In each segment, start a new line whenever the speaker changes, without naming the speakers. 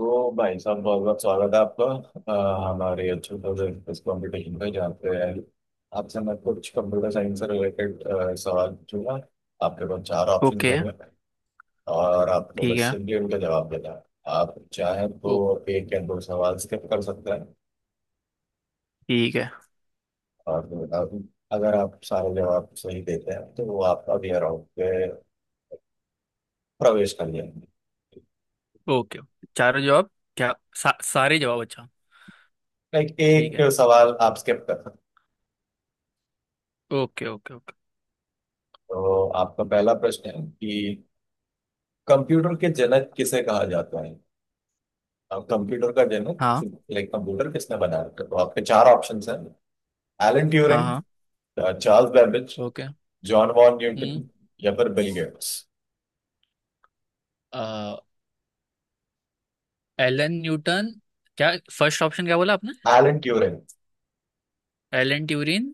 तो भाई साहब बहुत बहुत स्वागत है आपका। हमारे अच्छे इस कंपटीशन पे जहाँ पे आपसे मैं कुछ कंप्यूटर साइंस से रिलेटेड सवाल पूछूंगा। आपके पास चार ऑप्शन
ओके।
होंगे और आपको
ठीक
बस
है।
सिंपली उनका जवाब देना है। आप चाहें तो
ओ,
एक या दो सवाल स्किप कर सकते हैं
ठीक है।
और फिर अगर आप सारे जवाब सही देते हैं तो वो आप अगले राउंड पे प्रवेश कर जाएंगे।
ओके, चारों जवाब, क्या सारे जवाब? अच्छा।
लाइक
ठीक
एक
है।
सवाल आप स्किप कर सकते हैं।
Okay, okay, okay.
तो आपका पहला प्रश्न है कि कंप्यूटर के जनक किसे कहा जाता है। अब कंप्यूटर का
हाँ,
जनक लाइक कंप्यूटर किसने बनाया था, तो आपके चार ऑप्शंस हैं एलन
हाँ,
ट्यूरिंग,
हाँ।
Charles Babbage,
okay.
John von
हम्म।
न्यूटन या फिर बिल गेट्स।
अ, एलन न्यूटन, क्या? फर्स्ट ऑप्शन क्या बोला आपने?
Alan Turing
Alan Turing.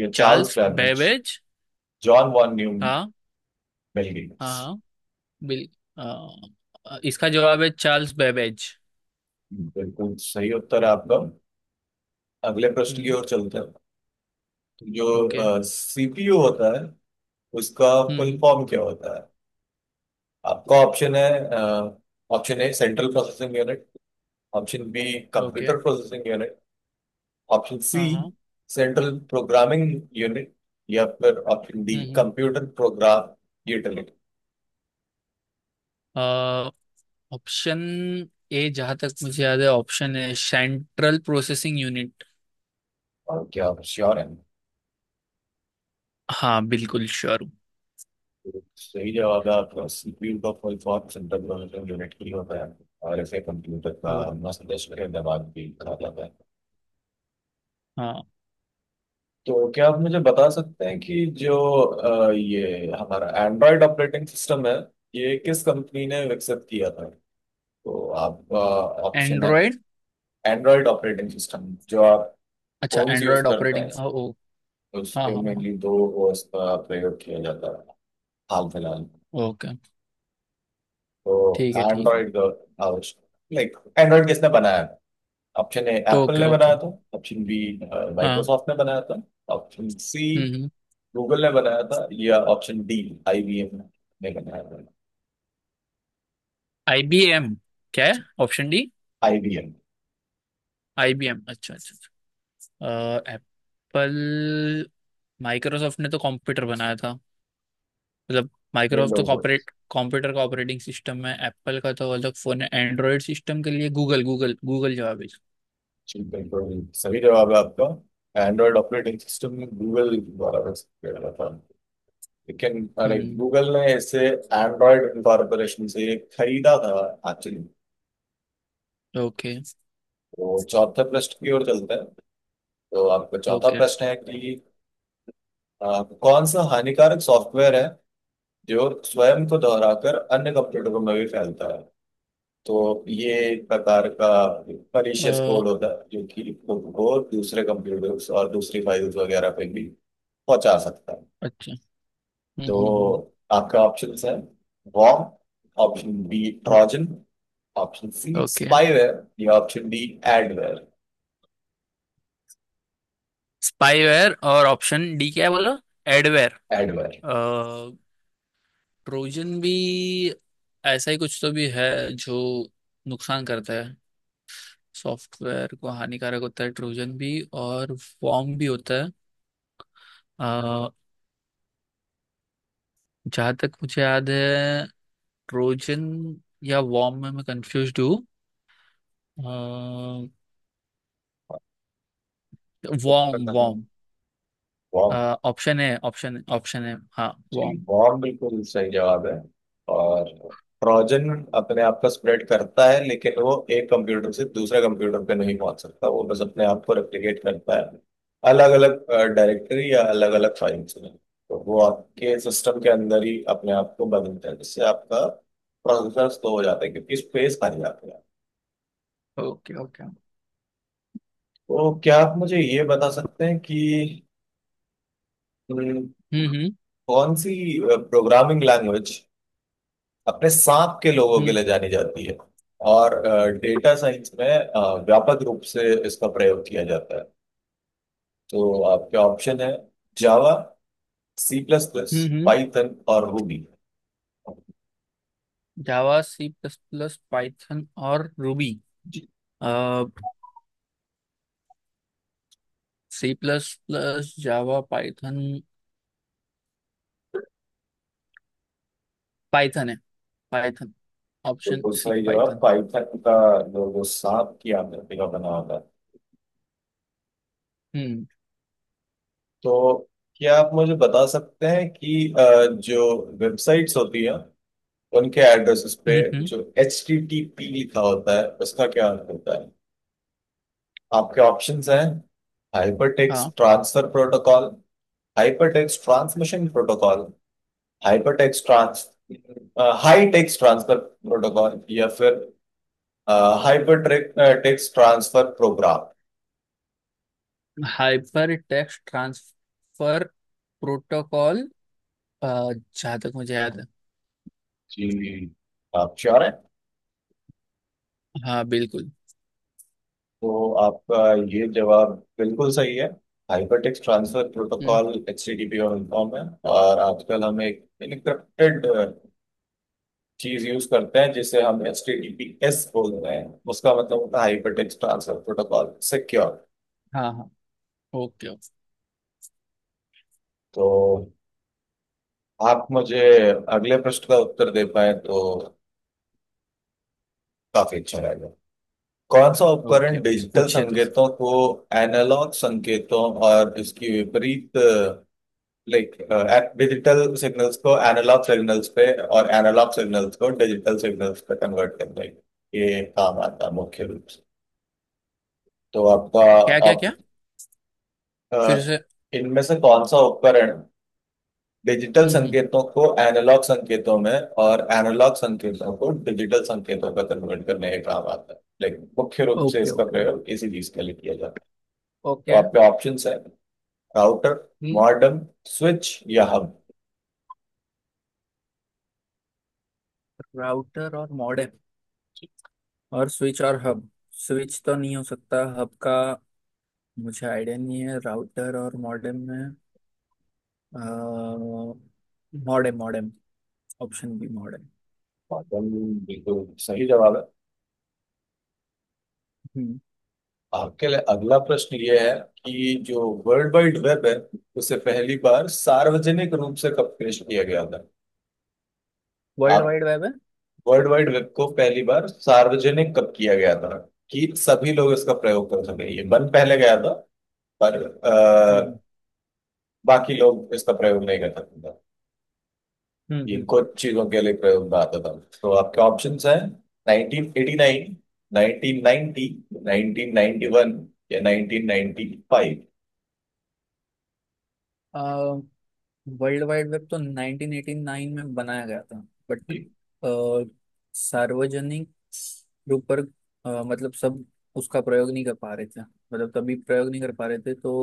या Charles
Charles
Babbage,
Babbage.
John von न्यू,
हाँ,
बिल गेट्स।
हाँ, हाँ। बिल। इसका जवाब है चार्ल्स बेबेज।
बिल्कुल सही उत्तर है आपका। अगले प्रश्न की
हम्म।
ओर चलते हैं। तो
ओके।
जो सीपीयू होता है उसका फुल
हम्म।
फॉर्म क्या होता है। आपका ऑप्शन है option A central processing unit, Option B,
okay.
Computer processing unit, option C
हाँ, हाँ।
सेंट्रल प्रोग्रामिंग यूनिट या फिर ऑप्शन डी
हम्म।
Computer program utility.
Option A, जहां तक मुझे याद है ऑप्शन है सेंट्रल प्रोसेसिंग यूनिट।
और क्या आप श्योर हैं?
हाँ, बिल्कुल श्योर हूँ।
तो सही जवाब है आपका, सीपीयू का full form central processing unit ही होता है और इसे कंप्यूटर का
ओ,
मस्तिष्क के दिमाग भी कहा जाता है।
हाँ।
तो क्या आप मुझे बता सकते हैं कि जो ये हमारा एंड्रॉयड ऑपरेटिंग सिस्टम है, ये किस कंपनी ने विकसित किया था। तो आपका ऑप्शन है,
एंड्रॉयड।
एंड्रॉइड ऑपरेटिंग सिस्टम जो आप
अच्छा,
फोन से यूज
एंड्रॉयड
करते
ऑपरेटिंग। ओ,
हैं,
ओ। हाँ,
उसके
हाँ, हाँ।
मेनली दो ओएस का प्रयोग किया जाता है हाल फिलहाल।
ओके।
तो
ठीक है, ठीक है।
एंड्रॉइड लाइक एंड्रॉइड किसने बनाया था? ऑप्शन ए एप्पल
ओके,
ने
ओके।
बनाया था, ऑप्शन बी
हाँ।
माइक्रोसॉफ्ट ने बनाया था, ऑप्शन सी
हम्म, हम्म।
गूगल ने बनाया था या ऑप्शन डी आईबीएम ने बनाया था।
आईबीएम क्या है? Option D
IBM
IBM. अच्छा, अच्छा। एप्पल, माइक्रोसॉफ्ट ने तो कंप्यूटर बनाया था, मतलब माइक्रोसॉफ्ट तो
विंडोज
कॉपरेट कंप्यूटर का ऑपरेटिंग सिस्टम है, एप्पल का तो अलग फोन है, एंड्रॉयड सिस्टम के लिए गूगल, गूगल, गूगल जवाब है इसका।
बिल्कुल सही जवाब है आपका। एंड्रॉइड ऑपरेटिंग सिस्टम गूगल द्वारा विकसित किया गया था, लेकिन अरे
हम्म।
गूगल ने इसे एंड्रॉयड कॉरपोरेशन से खरीदा था एक्चुअली।
ओके,
तो चौथे प्रश्न की ओर चलते हैं। तो आपका चौथा
ओके।
प्रश्न है कि कौन सा हानिकारक सॉफ्टवेयर है जो स्वयं को दोहराकर अन्य कंप्यूटरों में भी फैलता है। तो ये एक प्रकार का परीशियस
अ,
कोड होता है जो कि खुद को दूसरे कंप्यूटर्स और दूसरी फाइल्स वगैरह पे भी पहुंचा सकता है।
अच्छा। हम्म, हम्म।
तो आपका ऑप्शन है वॉर्म, ऑप्शन बी
हम्म,
Trojan, option C
okay.
Spyware या ऑप्शन डी एडवेयर।
स्पाईवेयर और ऑप्शन डी क्या है? बोलो। एडवेयर।
एडवेयर
ट्रोजन भी ऐसा ही कुछ तो भी है जो नुकसान करता है, सॉफ्टवेयर को हानिकारक होता है ट्रोजन भी, और वॉर्म भी होता है। अ, जहाँ तक मुझे याद है ट्रोजन या वॉर्म में मैं कंफ्यूज हूँ। Worm, worm.
वॉर्म।
ऑप्शन है, ऑप्शन ऑप्शन है, हाँ,
जी,
वॉर्म।
वॉर्म बिल्कुल सही जवाब है। और ट्रोजन अपने आप को स्प्रेड करता है, लेकिन वो एक कंप्यूटर से दूसरे कंप्यूटर पे नहीं पहुंच सकता, वो बस अपने आप को रेप्लिकेट करता है अलग अलग डायरेक्टरी या अलग अलग फाइल्स में। तो वो आपके सिस्टम के अंदर ही अपने आप को बदलता है, जिससे आपका प्रोसेसर स्लो हो जाता है क्योंकि स्पेस खाली जाती है।
Okay, okay.
तो क्या आप मुझे ये बता सकते हैं कि हम्म,
हम्म, हम्म,
कौन सी प्रोग्रामिंग लैंग्वेज अपने सांप के लोगों के
हम्म,
लिए जानी जाती है और डेटा साइंस में व्यापक रूप से इसका प्रयोग किया जाता है। तो आपके ऑप्शन है Java, C plus plus,
hmm, hmm.
Python और Ruby.
Java, C plus plus, Python और रूबी।
जी,
अह C plus plus, Java, Python. Python है, पाइथन। ऑप्शन
बिल्कुल
सी,
सही जवाब
पाइथन।
पाइथन का, जो वो सांप की आकृति का बना होता है।
हम्म,
तो क्या आप मुझे बता सकते हैं कि जो वेबसाइट्स होती है उनके एड्रेसेस पे
हम्म,
जो एच टी टी पी लिखा होता है उसका क्या अर्थ होता है। आपके ऑप्शंस हैं हाइपरटेक्स्ट
हाँ।
Transfer protocol, hypertext transmission protocol, hypertext trans high text transfer protocol या फिर hyper text transfer program.
Hyper text transfer protocol, जहाँ तक मुझे याद है।
जी, आप श्योर हैं?
हाँ, बिल्कुल।
तो आपका ये जवाब बिल्कुल सही है। Hypertext transfer
hmm.
Protocol HTTP form है और आजकल हम एक इनक्रिप्टेड चीज यूज करते हैं जिसे हम H T T P S बोल रहे हैं, उसका मतलब होता है हाइपरटेक्स्ट ट्रांसफर प्रोटोकॉल सिक्योर।
हाँ, हाँ। Okay, okay.
तो आप मुझे अगले प्रश्न का उत्तर दे पाए तो काफी अच्छा रहेगा। कौन सा
ओके,
उपकरण
ओके,
डिजिटल
पूछिए तो सर।
संकेतों को एनालॉग संकेतों और इसकी विपरीत, लाइक डिजिटल सिग्नल्स को एनालॉग सिग्नल्स पे और एनालॉग सिग्नल्स को डिजिटल सिग्नल्स पे कन्वर्ट करता है, ये काम आता है मुख्य रूप से। तो आपका
क्या, क्या,
आप
क्या?
अ,
फिर से।
इनमें से कौन सा उपकरण डिजिटल
हम्म, हम्म।
संकेतों को एनालॉग संकेतों में और एनालॉग संकेतों को डिजिटल संकेतों में कन्वर्ट करने के काम आता है, लेकिन मुख्य रूप से
ओके,
इसका
ओके,
प्रयोग इसी चीज के लिए किया जाता है। तो
ओके।
आपके ऑप्शंस है राउटर,
हम्म।
मॉडेम, स्विच या हब।
राउटर और मॉडेम, और स्विच और हब। स्विच तो नहीं हो सकता, हब का मुझे आइडिया नहीं है, राउटर और मॉडेम में। Modem, modem. Option B, modem.
Modem बिल्कुल सही जवाब है।
हम्म।
आपके लिए अगला प्रश्न ये है कि जो वर्ल्ड वाइड वेब है उसे पहली बार सार्वजनिक रूप से कब पेश किया गया था।
वर्ल्ड
आप
वाइड वेब है।
वर्ल्ड वाइड वेब को पहली बार सार्वजनिक कब किया गया था कि सभी लोग इसका प्रयोग कर सके, ये बंद पहले गया था पर
हम्म,
बाकी लोग इसका प्रयोग नहीं कर सकते थे। ये
हम्म,
कुछ चीजों के लिए प्रयोग में आता था। तो आपके ऑप्शंस हैं 1989, 1990, 1991 या 1995।
हम्म। वर्ल्ड वाइड वेब तो 1989 में बनाया गया था, बट
जी,
सार्वजनिक रूप पर, मतलब सब उसका प्रयोग नहीं कर पा रहे थे, मतलब तभी प्रयोग नहीं कर पा रहे थे, तो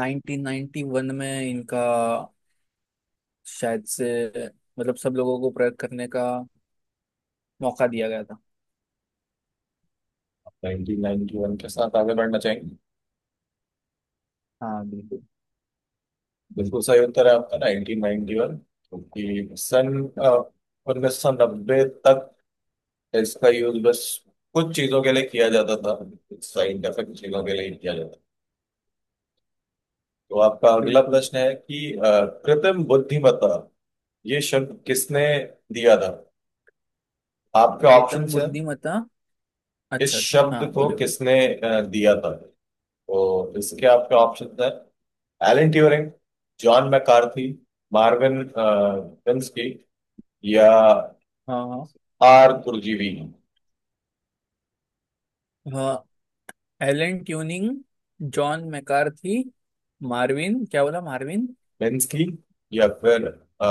1991 में इनका शायद से, मतलब सब लोगों को प्रयोग करने का मौका दिया गया था।
1991 के साथ आगे बढ़ना चाहेंगे?
हाँ, बिल्कुल।
बिल्कुल सही उत्तर है आपका, 1991। क्योंकि सन 1990 तक इसका यूज बस कुछ चीजों के लिए किया जाता था, साइंटिफिक चीजों के लिए ही किया जाता था। तो आपका अगला
बिल्कुल।
प्रश्न है कि कृत्रिम बुद्धिमत्ता ये शब्द किसने दिया था। आपके
प्रीतम
ऑप्शंस हैं,
बुद्धिमत्ता?
इस
अच्छा, अच्छा,
शब्द
हाँ,
को
बोलोगे।
किसने दिया था, तो इसके आपके ऑप्शंस हैं Alan Turing, John McCarthy, Marvin Minsky या
हाँ,
आर कुरजीवी।
हाँ। Alan tuning, John McCarthy, Marvin क्या बोला, मार्विन?
मिन्स्की या फिर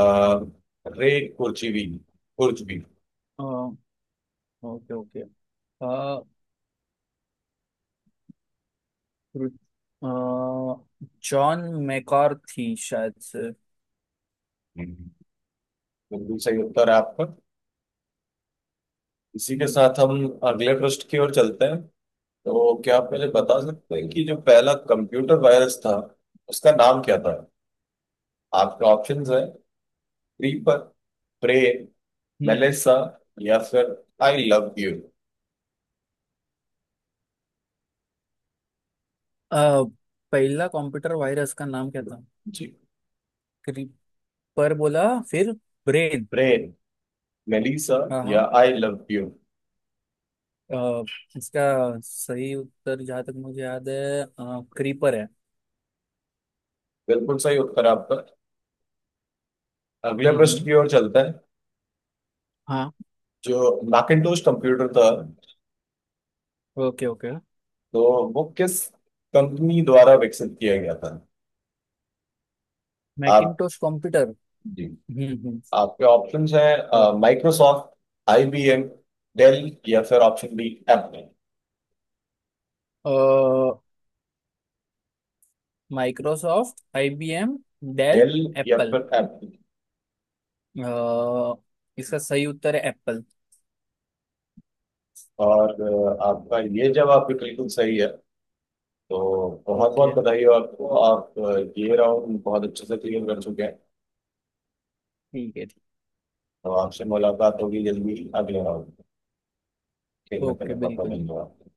रे Kurzweil Kurzweil.
Okay, okay. John McCarthy शायद से।
हम्म। बिल्कुल सही उत्तर है आपका। इसी के
हम्म,
साथ हम अगले प्रश्न की ओर चलते हैं। तो क्या आप मुझे बता
ओके।
सकते हैं कि जो पहला कंप्यूटर वायरस था उसका नाम क्या था। आपके ऑप्शंस है क्रीपर, प्रे,
हम्म,
मेलिसा या फिर आई लव यू।
अ, पहला कंप्यूटर वायरस का नाम क्या था?
जी,
क्रीपर बोला, फिर ब्रेन।
प्रे मेलिसा
हाँ, हाँ।
या आई लव यू।
अ, इसका सही उत्तर, जहाँ तक मुझे याद है, क्रीपर है।
बिल्कुल सही उत्तर है आपका। अगले
हम्म,
प्रश्न
हम्म।
की ओर चलते हैं।
हाँ।
जो मैकिंटोश कंप्यूटर था,
ओके, ओके।
तो वो किस कंपनी द्वारा विकसित किया गया था। आप,
मैकिंटोश कंप्यूटर।
जी,
हम्म, हम्म।
आपके ऑप्शंस हैं
ओके।
माइक्रोसॉफ्ट, आईबीएम, डेल या फिर option B Apple.
Microsoft, IBM, Dell,
Dell या
एप्पल।
फिर एप्पल।
इसका सही उत्तर है एप्पल।
और आपका ये जवाब भी बिल्कुल सही है। तो बहुत बहुत
ओके,
बधाई हो आपको। आप ये राउंड बहुत अच्छे से क्लियर कर चुके हैं।
ठीक है, ठीक।
तो आपसे मुलाकात होगी जल्दी अगले राउंड खेलने के लिए।
ओके,
बहुत बहुत
बिल्कुल।
धन्यवाद।